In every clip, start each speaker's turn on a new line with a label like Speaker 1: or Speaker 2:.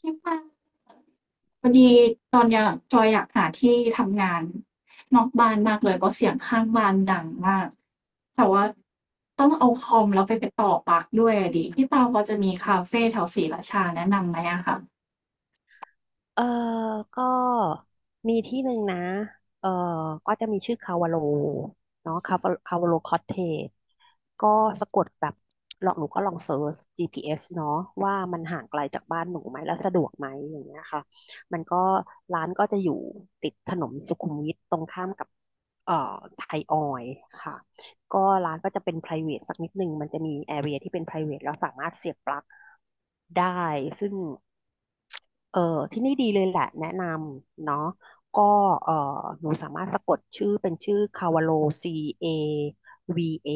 Speaker 1: ที่บ้านพอดีตอนเนี้ยจอยอยากหาที่ทำงานนอกบ้านมากเลยเพราะเสียงข้างบ้านดังมากแต่ว่าต้องเอาคอมแล้วไปต่อปลั๊กด้วยอะดิพี่เปาพอจะมีคาเฟแถวศรีราชาแนะนำไหมอะคะ
Speaker 2: เออก็มีที่หนึ่งนะเออก็จะมีชื่อคาวาโลเนาะคาวาโลคอตเทจก็สะกดแบบลองหนูก็ลองเซิร์ช GPS เอสเนาะว่ามันห่างไกลจากบ้านหนูไหมแล้วสะดวกไหมอย่างเงี้ยค่ะมันก็ร้านก็จะอยู่ติดถนนสุขุมวิทตรงข้ามกับเอ่อไทยออยล์ค่ะก็ร้านก็จะเป็น private สักนิดหนึ่งมันจะมี area ที่เป็น private แล้วสามารถเสียบปลั๊กได้ซึ่ง เออที่นี่ดีเลยแหละแนะนำเนาะก็เออหนูสามารถสะกดชื่อเป็นชื่อคาวาโล C A V A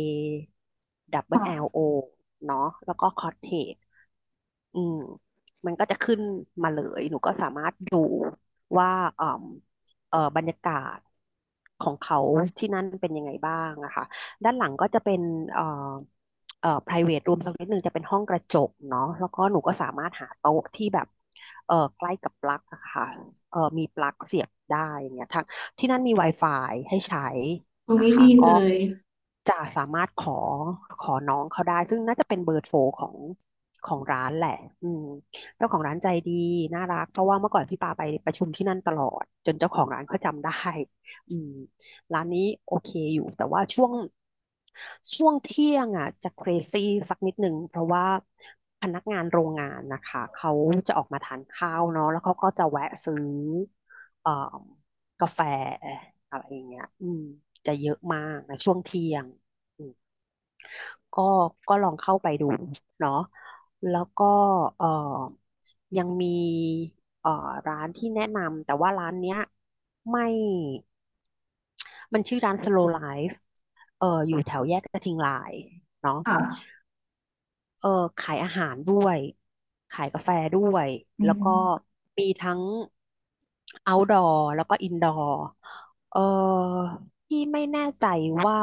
Speaker 2: บเบิลแ l ล
Speaker 1: ค่ะ
Speaker 2: โ O เนาะแล้วก็คอ t เทจ อืมมันก็จะขึ้นมาเลยหนูก็สามารถดูว่าเอ่อบรรยากาศของเขาที่นั่นเป็นยังไงบ้างนะคะด้านหลังก็จะเป็นเอ่อprivate room สักนิดหนึ่งจะเป็นห้องกระจกเนาะแล้วก็หนูก็สามารถหาโต๊ะที่แบบใกล้กับปลั๊กอะค่ะมีปลั๊กเสียบได้อย่างเงี้ยทั้งที่นั่นมี Wi-Fi ให้ใช้
Speaker 1: ตรง
Speaker 2: นะ
Speaker 1: นี้
Speaker 2: คะ
Speaker 1: ดี
Speaker 2: ก็
Speaker 1: เลย
Speaker 2: จะสามารถขอน้องเขาได้ซึ่งน่าจะเป็นเบอร์โทรของร้านแหละอืมเจ้าของร้านใจดีน่ารัก เพราะว่าเมื่อก่อนพี่ปาไปประชุมที่นั่นตลอดจนเจ้าของร้านเขาจำได้อืมร้านนี้โอเคอยู่แต่ว่าช่วงเที่ยงอ่ะจะเครซี่สักนิดหนึ่งเพราะว่าพนักงานโรงงานนะคะเขาจะออกมาทานข้าวเนาะแล้วเขาก็จะแวะซื้อเอ่อกาแฟอะไรอย่างเงี้ยจะเยอะมากในช่วงเที่ยง ก็ก็ลองเข้าไปดูเนาะแล้วก็เอ่อยังมีเอ่อร้านที่แนะนำแต่ว่าร้านเนี้ยไม่มันชื่อร้าน Slow Life อยู่แถวแยกกระทิงลายเนาะ
Speaker 1: ค่ะ
Speaker 2: เออขายอาหารด้วยขายกาแฟด้วย
Speaker 1: อื
Speaker 2: แล้วก็
Speaker 1: ม
Speaker 2: มีทั้ง outdoor แล้วก็ indoor เออที่ไม่แน่ใจว่า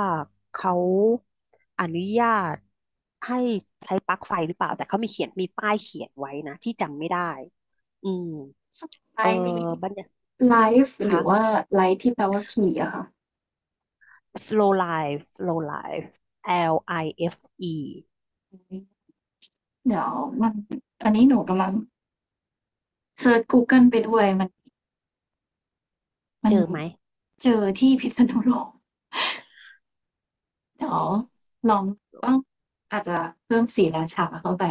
Speaker 2: เขาอนุญาตให้ใช้ปลั๊กไฟหรือเปล่าแต่เขามีเขียนมีป้ายเขียนไว้นะที่จำไม่ได้อืม
Speaker 1: สไล
Speaker 2: เออ
Speaker 1: ฟ์นี้
Speaker 2: บรรยากาศ
Speaker 1: ไลฟ์ห
Speaker 2: คะ
Speaker 1: รือว่าไลฟ์ที่แปลว่าขี่อะค่ะ
Speaker 2: slow life slow life L I F E
Speaker 1: เดี๋ยวมันอันนี้หนูกำลังเซิร์ชกูเกิลไปด้วยมัน
Speaker 2: เจอไหม
Speaker 1: เจอที่พิษณุโลก เดี๋ยวลองต้องอาจจะเพิ่มศรีราชาเข้าไป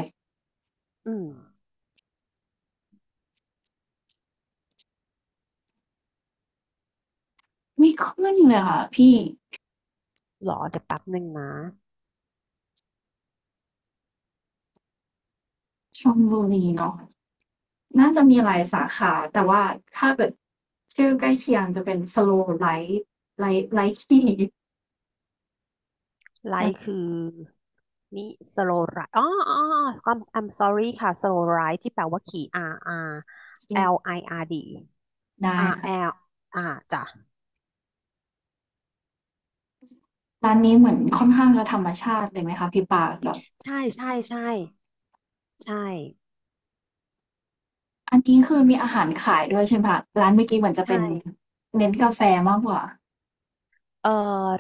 Speaker 2: อืม
Speaker 1: ไม่ขึ้นเลยค่ะพี่
Speaker 2: หรอเดี๋ยวแป๊บหนึ่งนะ
Speaker 1: ชลบุรีเนาะน่าจะมีหลายสาขาแต่ว่าถ้าเกิดชื่อใกล้เคียงจะเป็น Slow Light Light Light Tea
Speaker 2: ไลค์
Speaker 1: โอ
Speaker 2: คือ มิสโลไรอ๋อ อ๋ออ๋อ I'm sorry ค่ะ slow ride ที่แปลว่าขี่ R R
Speaker 1: เค
Speaker 2: L I R D
Speaker 1: ได้
Speaker 2: R
Speaker 1: ค่ะ
Speaker 2: L อ่าจ้ะ
Speaker 1: ร้านนี้เหมือนค่อนข้างจะธรรมชาติเลยไหมคะพี่ปาแบบ
Speaker 2: ใช่ใช่ใช่ใช่
Speaker 1: อันนี้คือมีอาหารขายด้วยใช่ไหมคะร้านเมื่อกี้เหมือนจะเป็น
Speaker 2: ใช่
Speaker 1: เน้นกาแฟมากกว่า
Speaker 2: เอ่อ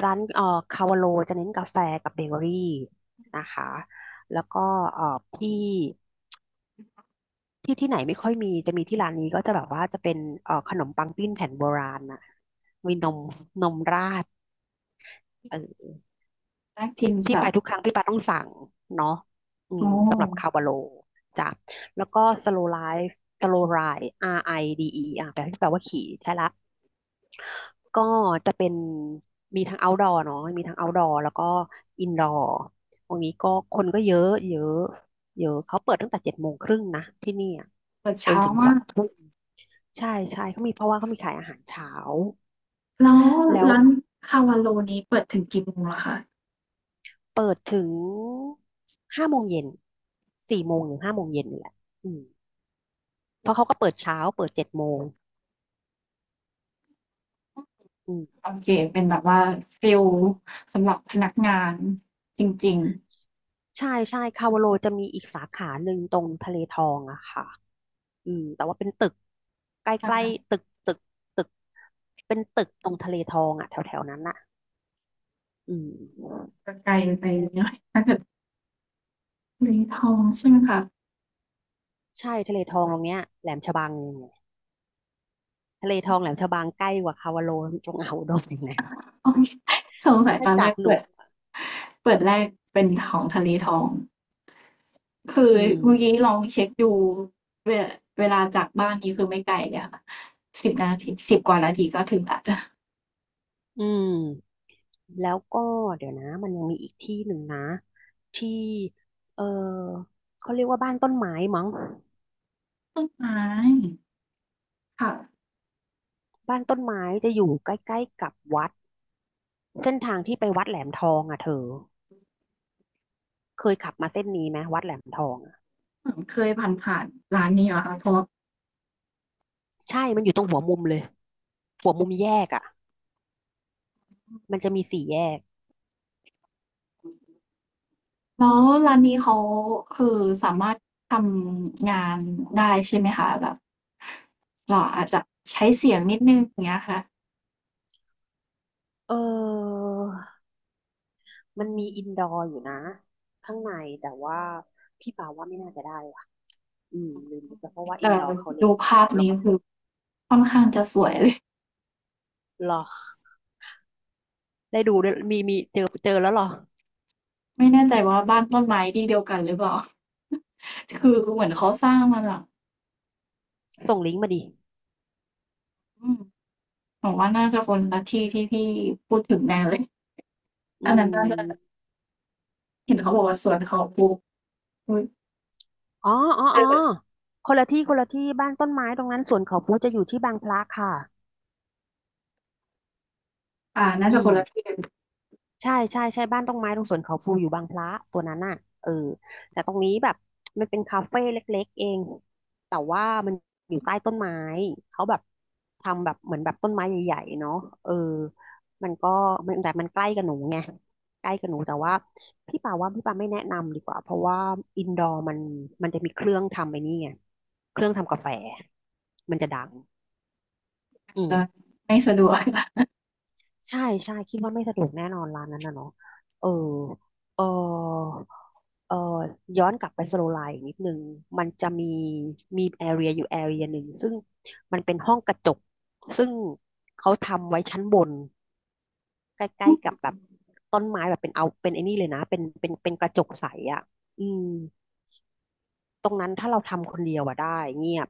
Speaker 2: ร้านคาวาโลจะเน้นกาแฟกับเบเกอรี่นะคะแล้วก็เอ่อที่ที่ไหนไม่ค่อยมีจะมีที่ร้านนี้ก็จะแบบว่าจะเป็นขนมปังปิ้งแผ่นโบราณนะมีนมราด
Speaker 1: น่ากิ
Speaker 2: ที่
Speaker 1: น
Speaker 2: ที่
Speaker 1: ค่ะ
Speaker 2: ไปทุกครั้งพี่ปาต้องสั่งเนาะ
Speaker 1: โอ้
Speaker 2: สำหรับคาวบาโลจ้ะแล้วก็สโลไลฟ์สโลไร R I D E อดีอีอ่ะแปลที่แปลว่าขี่ใช่ละก็จะเป็นมีทั้ง outdoor เนาะมีทั้ง outdoor แล้วก็ indoor ตรงนี้ก็คนก็เยอะเยอะเยอะเขาเปิดตั้งแต่7:30นะที่เนี่ย
Speaker 1: เปิด
Speaker 2: จน
Speaker 1: เช้า
Speaker 2: ถึงส
Speaker 1: มา
Speaker 2: อง
Speaker 1: ก
Speaker 2: ทุ่มใช่ใช่เขามีเพราะว่าเขามีขายอาหารเช้า
Speaker 1: แล้ว
Speaker 2: แล้ว
Speaker 1: ร้านคาวาโลนี้เปิดถึงกี่โมงเหรอคะ
Speaker 2: เปิดถึงห้าโมงเย็น16:00-17:00นี่แหละอืม เพราะเขาก็เปิดเช้าเปิดเจ็ดโมงอืม
Speaker 1: โอเคเป็นแบบว่าฟิลสำหรับพนักงานจริง
Speaker 2: ใช่ใช่คาวาโลจะมีอีกสาขาหนึ่งตรงทะเลทองอะค่ะอืมแต่ว่าเป็นตึกใก
Speaker 1: ๆใช่
Speaker 2: ล้
Speaker 1: ไหม
Speaker 2: ๆตึก เป็นตึกตรงทะเลทองอะแถวๆนั้นอะอืม
Speaker 1: จะไกลไปนิดหน่อยทะเลทองใช่ไหมคะ
Speaker 2: ใช่ทะเลทองตรงเนี้ยแหลมฉบัง ทะเลทองแหลมฉบังใกล้กว่าคาวาโลจงเอาอุดมอีกนะ
Speaker 1: โอเคสงสัย
Speaker 2: ถ้า
Speaker 1: ตอนแร
Speaker 2: จาก
Speaker 1: ก
Speaker 2: หนู
Speaker 1: เปิดเปิดแรกเป็นของทะเลทองคือ
Speaker 2: อืม
Speaker 1: เมื่อกี้ลองเช็คดูเวลาเวลาจากบ้านนี้คือไม่ไกลเลยค่ะ10 นาที10 กว่านาทีก็ถึงแลวจ้ะ
Speaker 2: อืมแล้วก็เดี๋ยวนะมันยังมีอีกที่หนึ่งนะที่เออเขาเรียกว่าบ้านต้นไม้มั้ง
Speaker 1: ใช่ค่ะ
Speaker 2: บ้านต้นไม้จะอยู่ใกล้ๆกับวัดเส้นทางที่ไปวัดแหลมทองอ่ะเธอเคยขับมาเส้นนี้ไหมวัดแหลมทองอะ
Speaker 1: เหมือนเคยผ่านผ่านๆร้านนี้เหรอคะเพราะว่า
Speaker 2: ใช่มันอยู่ตรงหัวมุมเลยหัวมุมแยกอ่ะมันจะมีสี่แยก
Speaker 1: แล้วร้านนี้เขาคือสามารถทำงานได้ใช่ไหมคะแบบเราอาจจะใช้เสียงนิดหนึ่งอย่างเงี้ยค่ะ
Speaker 2: เออมันมีอินดอร์อยู่นะข้างในแต่ว่าพี่ปาว่าไม่น่าจะได้ว่ะอืมลืมไปเพราะว่าอิ
Speaker 1: แต่
Speaker 2: นดอร์เขาเล็
Speaker 1: ดู
Speaker 2: กเดี
Speaker 1: ภาพ
Speaker 2: ยวแล้ว
Speaker 1: นี้
Speaker 2: ก็เป็น
Speaker 1: คือค่อนข้างจะสวยเลย
Speaker 2: หรอได้ดูด้วยมีเจอแล้วเหรอ
Speaker 1: ไม่แน่ใจว่าบ้านต้นไม้ที่เดียวกันหรือเปล่า คือเหมือนเขาสร้างมาแบบ
Speaker 2: ส่งลิงก์มาดิ
Speaker 1: อืมหนูว่าน่าจะคนละที่พี่พูดถึงแน่เลยอั
Speaker 2: อื
Speaker 1: นนั้นน่าจะ
Speaker 2: ม
Speaker 1: เห็นเขาบอกว่าสวนเขาปลูกอุ๊ย
Speaker 2: อ๋ออ๋อ
Speaker 1: เอ
Speaker 2: อ๋อ
Speaker 1: อ
Speaker 2: คนละที่ คนละที่ บ้านต้นไม้ตรงนั้นสวนเขาพลูจะอยู่ที่บางพระค่ะ
Speaker 1: อ่าน่า
Speaker 2: อื
Speaker 1: จะคนละที่
Speaker 2: ม
Speaker 1: กัน
Speaker 2: ใช่ใช่ใช่บ้านตรงไม้ตรงสวนเขาพลูอยู่บางพระตัวนั้นน่ะเออแต่ตรงนี้แบบมันเป็นคาเฟ่เล็กๆเองแต่ว่ามันอยู่ใต้ต้นไม้เขาแบบทำแบบเหมือนแบบต้นไม้ใหญ่ๆเนาะเออมันก็มันแต่มันใกล้กับหนูไงใกล้กับหนูแต่ว่าพี่ป่าไม่แนะนำดีกว่าเพราะว่าอินดอร์มันจะมีเครื่องทำไอ้นี่ไงเครื่องทำกาแฟมันจะดังอื ม
Speaker 1: จะไม่สะดวก
Speaker 2: ใช่ใช่คิดว่าไม่สะดวกแน่นอนร้านนั้นนะเนาะเออเออ เอ่อย้อนกลับไปสโลไลน์นิดนึงมันจะมีแอเรียอยู่แอเรียหนึ่งซึ่งมันเป็นห้องกระจกซึ่งเขาทำไว้ชั้นบนใก
Speaker 1: อื
Speaker 2: ล้
Speaker 1: ม
Speaker 2: ๆกับ
Speaker 1: น
Speaker 2: แบบต้นไม้แบบเป็นเอาเป็นไอ้นี่เลยนะเป็นกระจกใสอ่ะอืมตรงนั้นถ้าเราทำคนเดียวอะได้เงียบ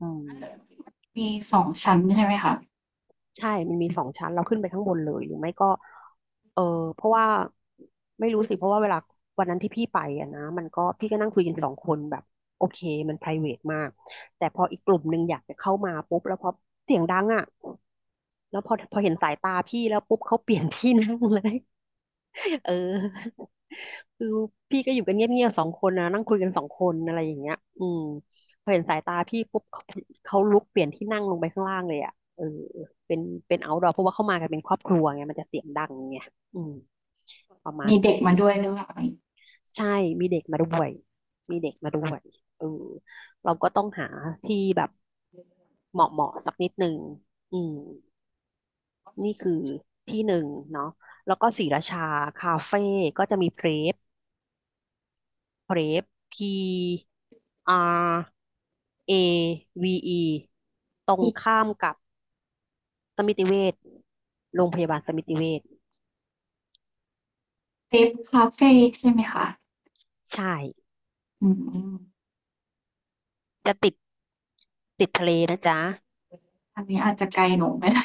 Speaker 2: อื
Speaker 1: ่าจะ
Speaker 2: ม
Speaker 1: มี2 ชั้นใช่ไหมคะ
Speaker 2: ใช่มันมีสองชั้นเราขึ้นไปข้างบนเลยหรือไม่ก็เออเพราะว่าไม่รู้สิเพราะว่าเวลาวันนั้นที่พี่ไปอะนะมันก็พี่ก็นั่งคุยกันสองคนแบบโอเคมัน private มากแต่พออีกกลุ่มหนึ่งอยากจะเข้ามาปุ๊บ แล้วพอเสียงดังอะแล้วพอพอเห็นสายตาพี่แล้วปุ๊บเขาเปลี่ยนที่นั่งเลย เออ คือพี่ก็อยู่กันเงียบๆสองคนนะนั่งคุยกันสองคนอะไรอย่างเงี้ยอืมพอเห็นสายตาพี่ปุ๊บเขาเขาลุกเปลี่ยนที่นั่งลงไปข้างล่างเลยอ่ะเออเป็นเป็นเอาท์ดอร์เพราะว่าเข้ามากันเป็นครอบครัวไงมันจะเสียงดังไงอืมประมาณ
Speaker 1: มีเด็
Speaker 2: นั้
Speaker 1: ก
Speaker 2: น
Speaker 1: มาด้วยหรือเปล่า
Speaker 2: ใช่มีเด็กมาด้วยมีเด็กมาด้วยเออเราก็ต้องหาที่แบบเหมาะเหมาะสักนิดหนึ่งอืมนี่คือที่หนึ่งเนาะแล้วก็ศรีราชาคาเฟ่ก็จะมีเพลฟ Prep PRAVE ตรง
Speaker 1: มี
Speaker 2: ข้ามกับสมิติเวชโรงพยาบาลสมิติเวช
Speaker 1: เทปคาเฟ่ใช่ไหมคะ
Speaker 2: ใช่
Speaker 1: อืม
Speaker 2: จะติดติดทะเลนะจ๊ะ
Speaker 1: อันนี้อาจจะไกลหนูไม่ได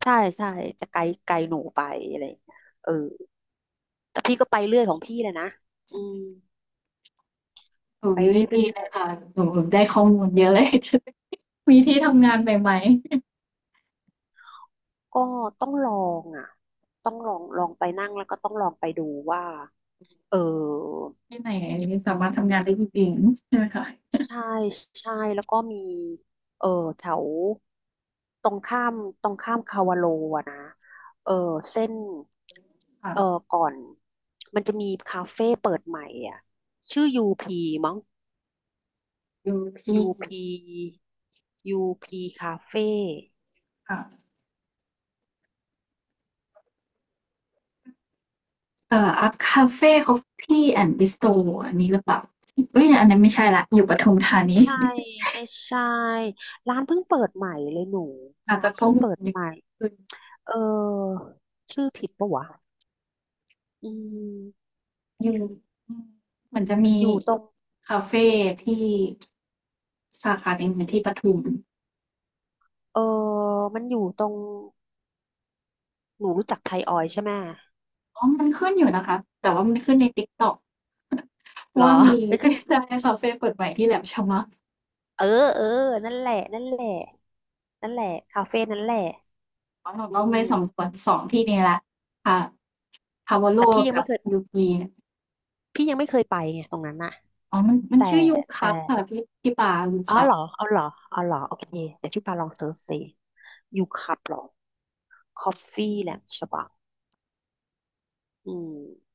Speaker 2: ใช่ใช่จะไกลไกลหนูไปอะไรอย่างเงี้ยเออแต่พี่ก็ไปเรื่อยของพี่เลยนะอืม
Speaker 1: อุ๊
Speaker 2: ไป
Speaker 1: ย
Speaker 2: เร
Speaker 1: ดี
Speaker 2: ื่
Speaker 1: เล
Speaker 2: อ
Speaker 1: ย
Speaker 2: ย
Speaker 1: ค่ะหนูได้ข้อมูลเยอะเลย มีที่ทำงานใหม่
Speaker 2: ๆก็ต้องลองอ่ะต้องลองลองไปนั่งแล้วก็ต้องลองไปดูว่าเออ
Speaker 1: ๆที่ไหนสามารถทำงานได้จริงๆใช่ไหมคะ
Speaker 2: ใช่ใช่ แล้วก็มีเออแถวตรงข้ามตรงข้ามคาวาโลอะนะ เออเส้น
Speaker 1: ค่ะ
Speaker 2: เออก่อน มันจะมีคาเฟ่เปิดใหม่อ่ะชื่อยูพีมั้ง
Speaker 1: ดูพี่
Speaker 2: ยูพียูพีคาเฟ่
Speaker 1: ค่ะเอ่ออัพคาเฟ่คอฟฟี่แอนด์บิสตอันนี้หรือเปล่าเอ้ยอันนั้นไม่ใช่ละอยู่ปทุมธา
Speaker 2: ไม่
Speaker 1: นี
Speaker 2: ใช่ ไม่ใช่ ร้านเพิ่งเปิดใหม่เลยหนู
Speaker 1: อาจ
Speaker 2: ร้า
Speaker 1: จะ
Speaker 2: น
Speaker 1: ข้อ
Speaker 2: เพิ่ง
Speaker 1: มูล
Speaker 2: เปิด
Speaker 1: เยอะ
Speaker 2: ใหม่
Speaker 1: ขึ้น
Speaker 2: เออ ชื่อผิดปะวะ อืม
Speaker 1: อยู่อืมเหมือนจะมี
Speaker 2: อยู่ตรง
Speaker 1: คาเฟที่สาขาหนึ่งอยู่ที่ปทุม
Speaker 2: เออมันอยู่ตรง หนูรู้จักไทยออยล์ใช่ไหม
Speaker 1: อ๋อมันขึ้นอยู่นะคะแต่ว่ามันขึ้นใน TikTok
Speaker 2: หรอ
Speaker 1: ว่ามี ใช่คาเฟเปิดใหม่ที่แหลมฉบัง
Speaker 2: เออเออนั่นแหละนั่นแหละนั่นแหละคาเฟ่นั่นแหละ
Speaker 1: อ๋อเรา
Speaker 2: อื
Speaker 1: ต้องไป
Speaker 2: ม
Speaker 1: สำรวจ2 ที่นี้แล้วค่ะ Pavolo
Speaker 2: แต่พี่ยัง
Speaker 1: กับ
Speaker 2: ไม่เคย
Speaker 1: Yuki
Speaker 2: พี่ยังไม่เคยไปไงตรงนั้นน่ะ
Speaker 1: อ๋อมัน
Speaker 2: แต่
Speaker 1: ชื่อ
Speaker 2: แต่
Speaker 1: Yucap ค่ะพี่พี่ปา
Speaker 2: อ๋อ
Speaker 1: Yucap
Speaker 2: เหรอเอาเหรอเอาเหรอโอเคเดี๋ยวพี่ปาลองเซิร์ชสิยูคับหรอคอฟฟี่แหลมฉบังอืม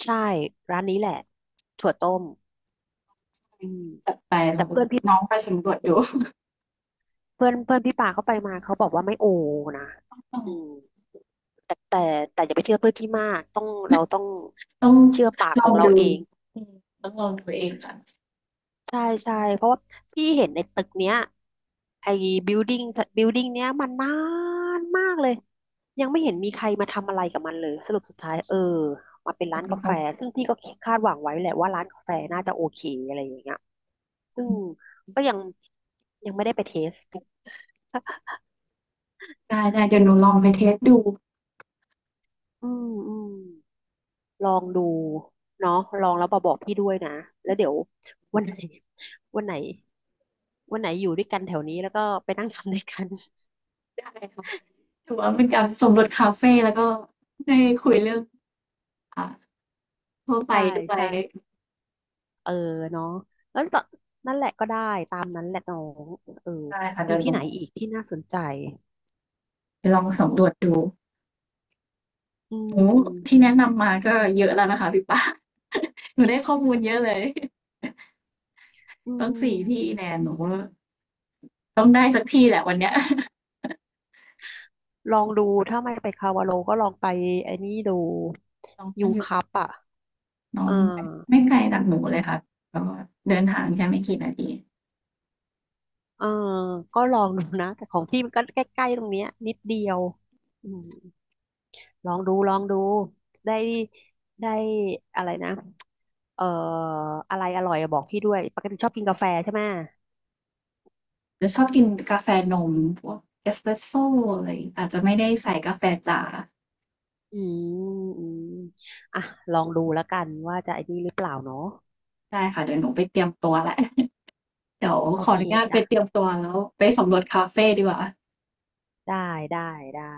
Speaker 2: ใช่ร้านนี้แหละถั่วต้มอืม
Speaker 1: จัดไปล
Speaker 2: แต่เพื่อนพี่
Speaker 1: น้องไปสำรวจดู
Speaker 2: เพื่อนเพื่อนพี่ปาเขาไปมาเขาบอกว่าไม่โอนะ
Speaker 1: เอ
Speaker 2: อืม
Speaker 1: อ
Speaker 2: แต่แต่แต่อย่าไปเชื่อเพื่อนที่มากต้องเราต้อง
Speaker 1: ต้อง
Speaker 2: เชื่อปาก
Speaker 1: ล
Speaker 2: ข
Speaker 1: อ
Speaker 2: อง
Speaker 1: ง
Speaker 2: เรา
Speaker 1: ดู
Speaker 2: เอง
Speaker 1: อืมต้องลองดูเองค่ะ
Speaker 2: ใช่ใช่เพราะว่าพี่เห็นในตึกเนี้ยไอ้บิวดิ้งบิ l ดิ้งเนี้ยมันนานมากเลยยังไม่เห็นมีใครมาทำอะไรกับมันเลยสรุปสุดท้ายเออมาเป็น
Speaker 1: อั
Speaker 2: ร้า
Speaker 1: น
Speaker 2: น
Speaker 1: นี้
Speaker 2: กาแฟ
Speaker 1: เขา
Speaker 2: ซึ่งพี่ก็คาดหวังไว้แหละว่าร้านกาแฟน่าจะโอเคอะไรอย่างเงี้ยซึ่งก็ยังไม่ได้ไปเทส
Speaker 1: ได้ๆเดี๋ยวหนูลองไปเทสดู
Speaker 2: อืมอืม ลองดูเนาะลองแล้วมาบอกพี่ด้วยนะแล้วเดี๋ยววันไหนวันไหนวันไหนอยู่ด้วยกันแถวนี้แล้วก็ไปนั่งทำด้วยกัน
Speaker 1: ได้ค่ะถือว่าเป็นการสำรวจคาเฟแล้วก็ได้คุยเรื่องอ่าทั่ว ไป
Speaker 2: ใช่
Speaker 1: ด้วย
Speaker 2: ใช่เออเนาะแล้วตอนนั่นแหละก็ได้ตามนั้นแหละน้องเออ
Speaker 1: ได้ค่ะ
Speaker 2: มี
Speaker 1: เดี๋ยวห
Speaker 2: ที่
Speaker 1: นู
Speaker 2: ไหนอีกที่น่าสนใจ
Speaker 1: ไปลองสำรวจดู
Speaker 2: อื
Speaker 1: โอ้โฮที่
Speaker 2: ม
Speaker 1: แนะนำมาก็เยอะแล้วนะคะพี่ปา หนูได้ข้อมูลเยอะเลย
Speaker 2: อื
Speaker 1: ต้อง4 ที่
Speaker 2: ม
Speaker 1: แน่หนูว่าต้องได้สักที่แหละวันเนี้ย
Speaker 2: ลองดูถ้าไม่ไปคาวาโลก็ลองไปไอ้นี่ดู
Speaker 1: น้องก็
Speaker 2: ยู
Speaker 1: อยู่
Speaker 2: คัพอ่ะ
Speaker 1: น้อง
Speaker 2: อ่
Speaker 1: ไม่
Speaker 2: า
Speaker 1: ไม่ไกลจากหนูเลยค่ะก็เดินทางแค่ไม่กี่นาที
Speaker 2: เอ่าก็ลองดูนะแต่ของพี่มันก็ใกล้ๆตรงเนี้ยนิดเดียวอืม ลองดูลองดูได้ได้อะไรนะเอ่ออะไรอร่อยอะบอกพี่ด้วยปกติชอบกินกาแฟใช่ไหม
Speaker 1: จะชอบกินกาแฟนมพวกเอสเปรสโซอะไรอาจจะไม่ได้ใส่กาแฟจ๋า
Speaker 2: อืมอืมอ่ะลองดูแล้วกันว่าจะไอ้นี่หรือเปล่าเนาะ
Speaker 1: ได้ค่ะเดี๋ยวหนูไปเตรียมตัวแล้ว เดี๋ยว
Speaker 2: โอ
Speaker 1: ขอ
Speaker 2: เค
Speaker 1: อนุญาตไป
Speaker 2: จ้ะ
Speaker 1: เตรียมตัวแล้วไปสำรวจคาเฟดีกว่า
Speaker 2: ได้ได้ได้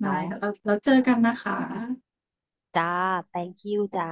Speaker 1: ได้
Speaker 2: เนาะ
Speaker 1: ค่ะแล้วเจอกันนะคะ
Speaker 2: จ้า thank you จ้า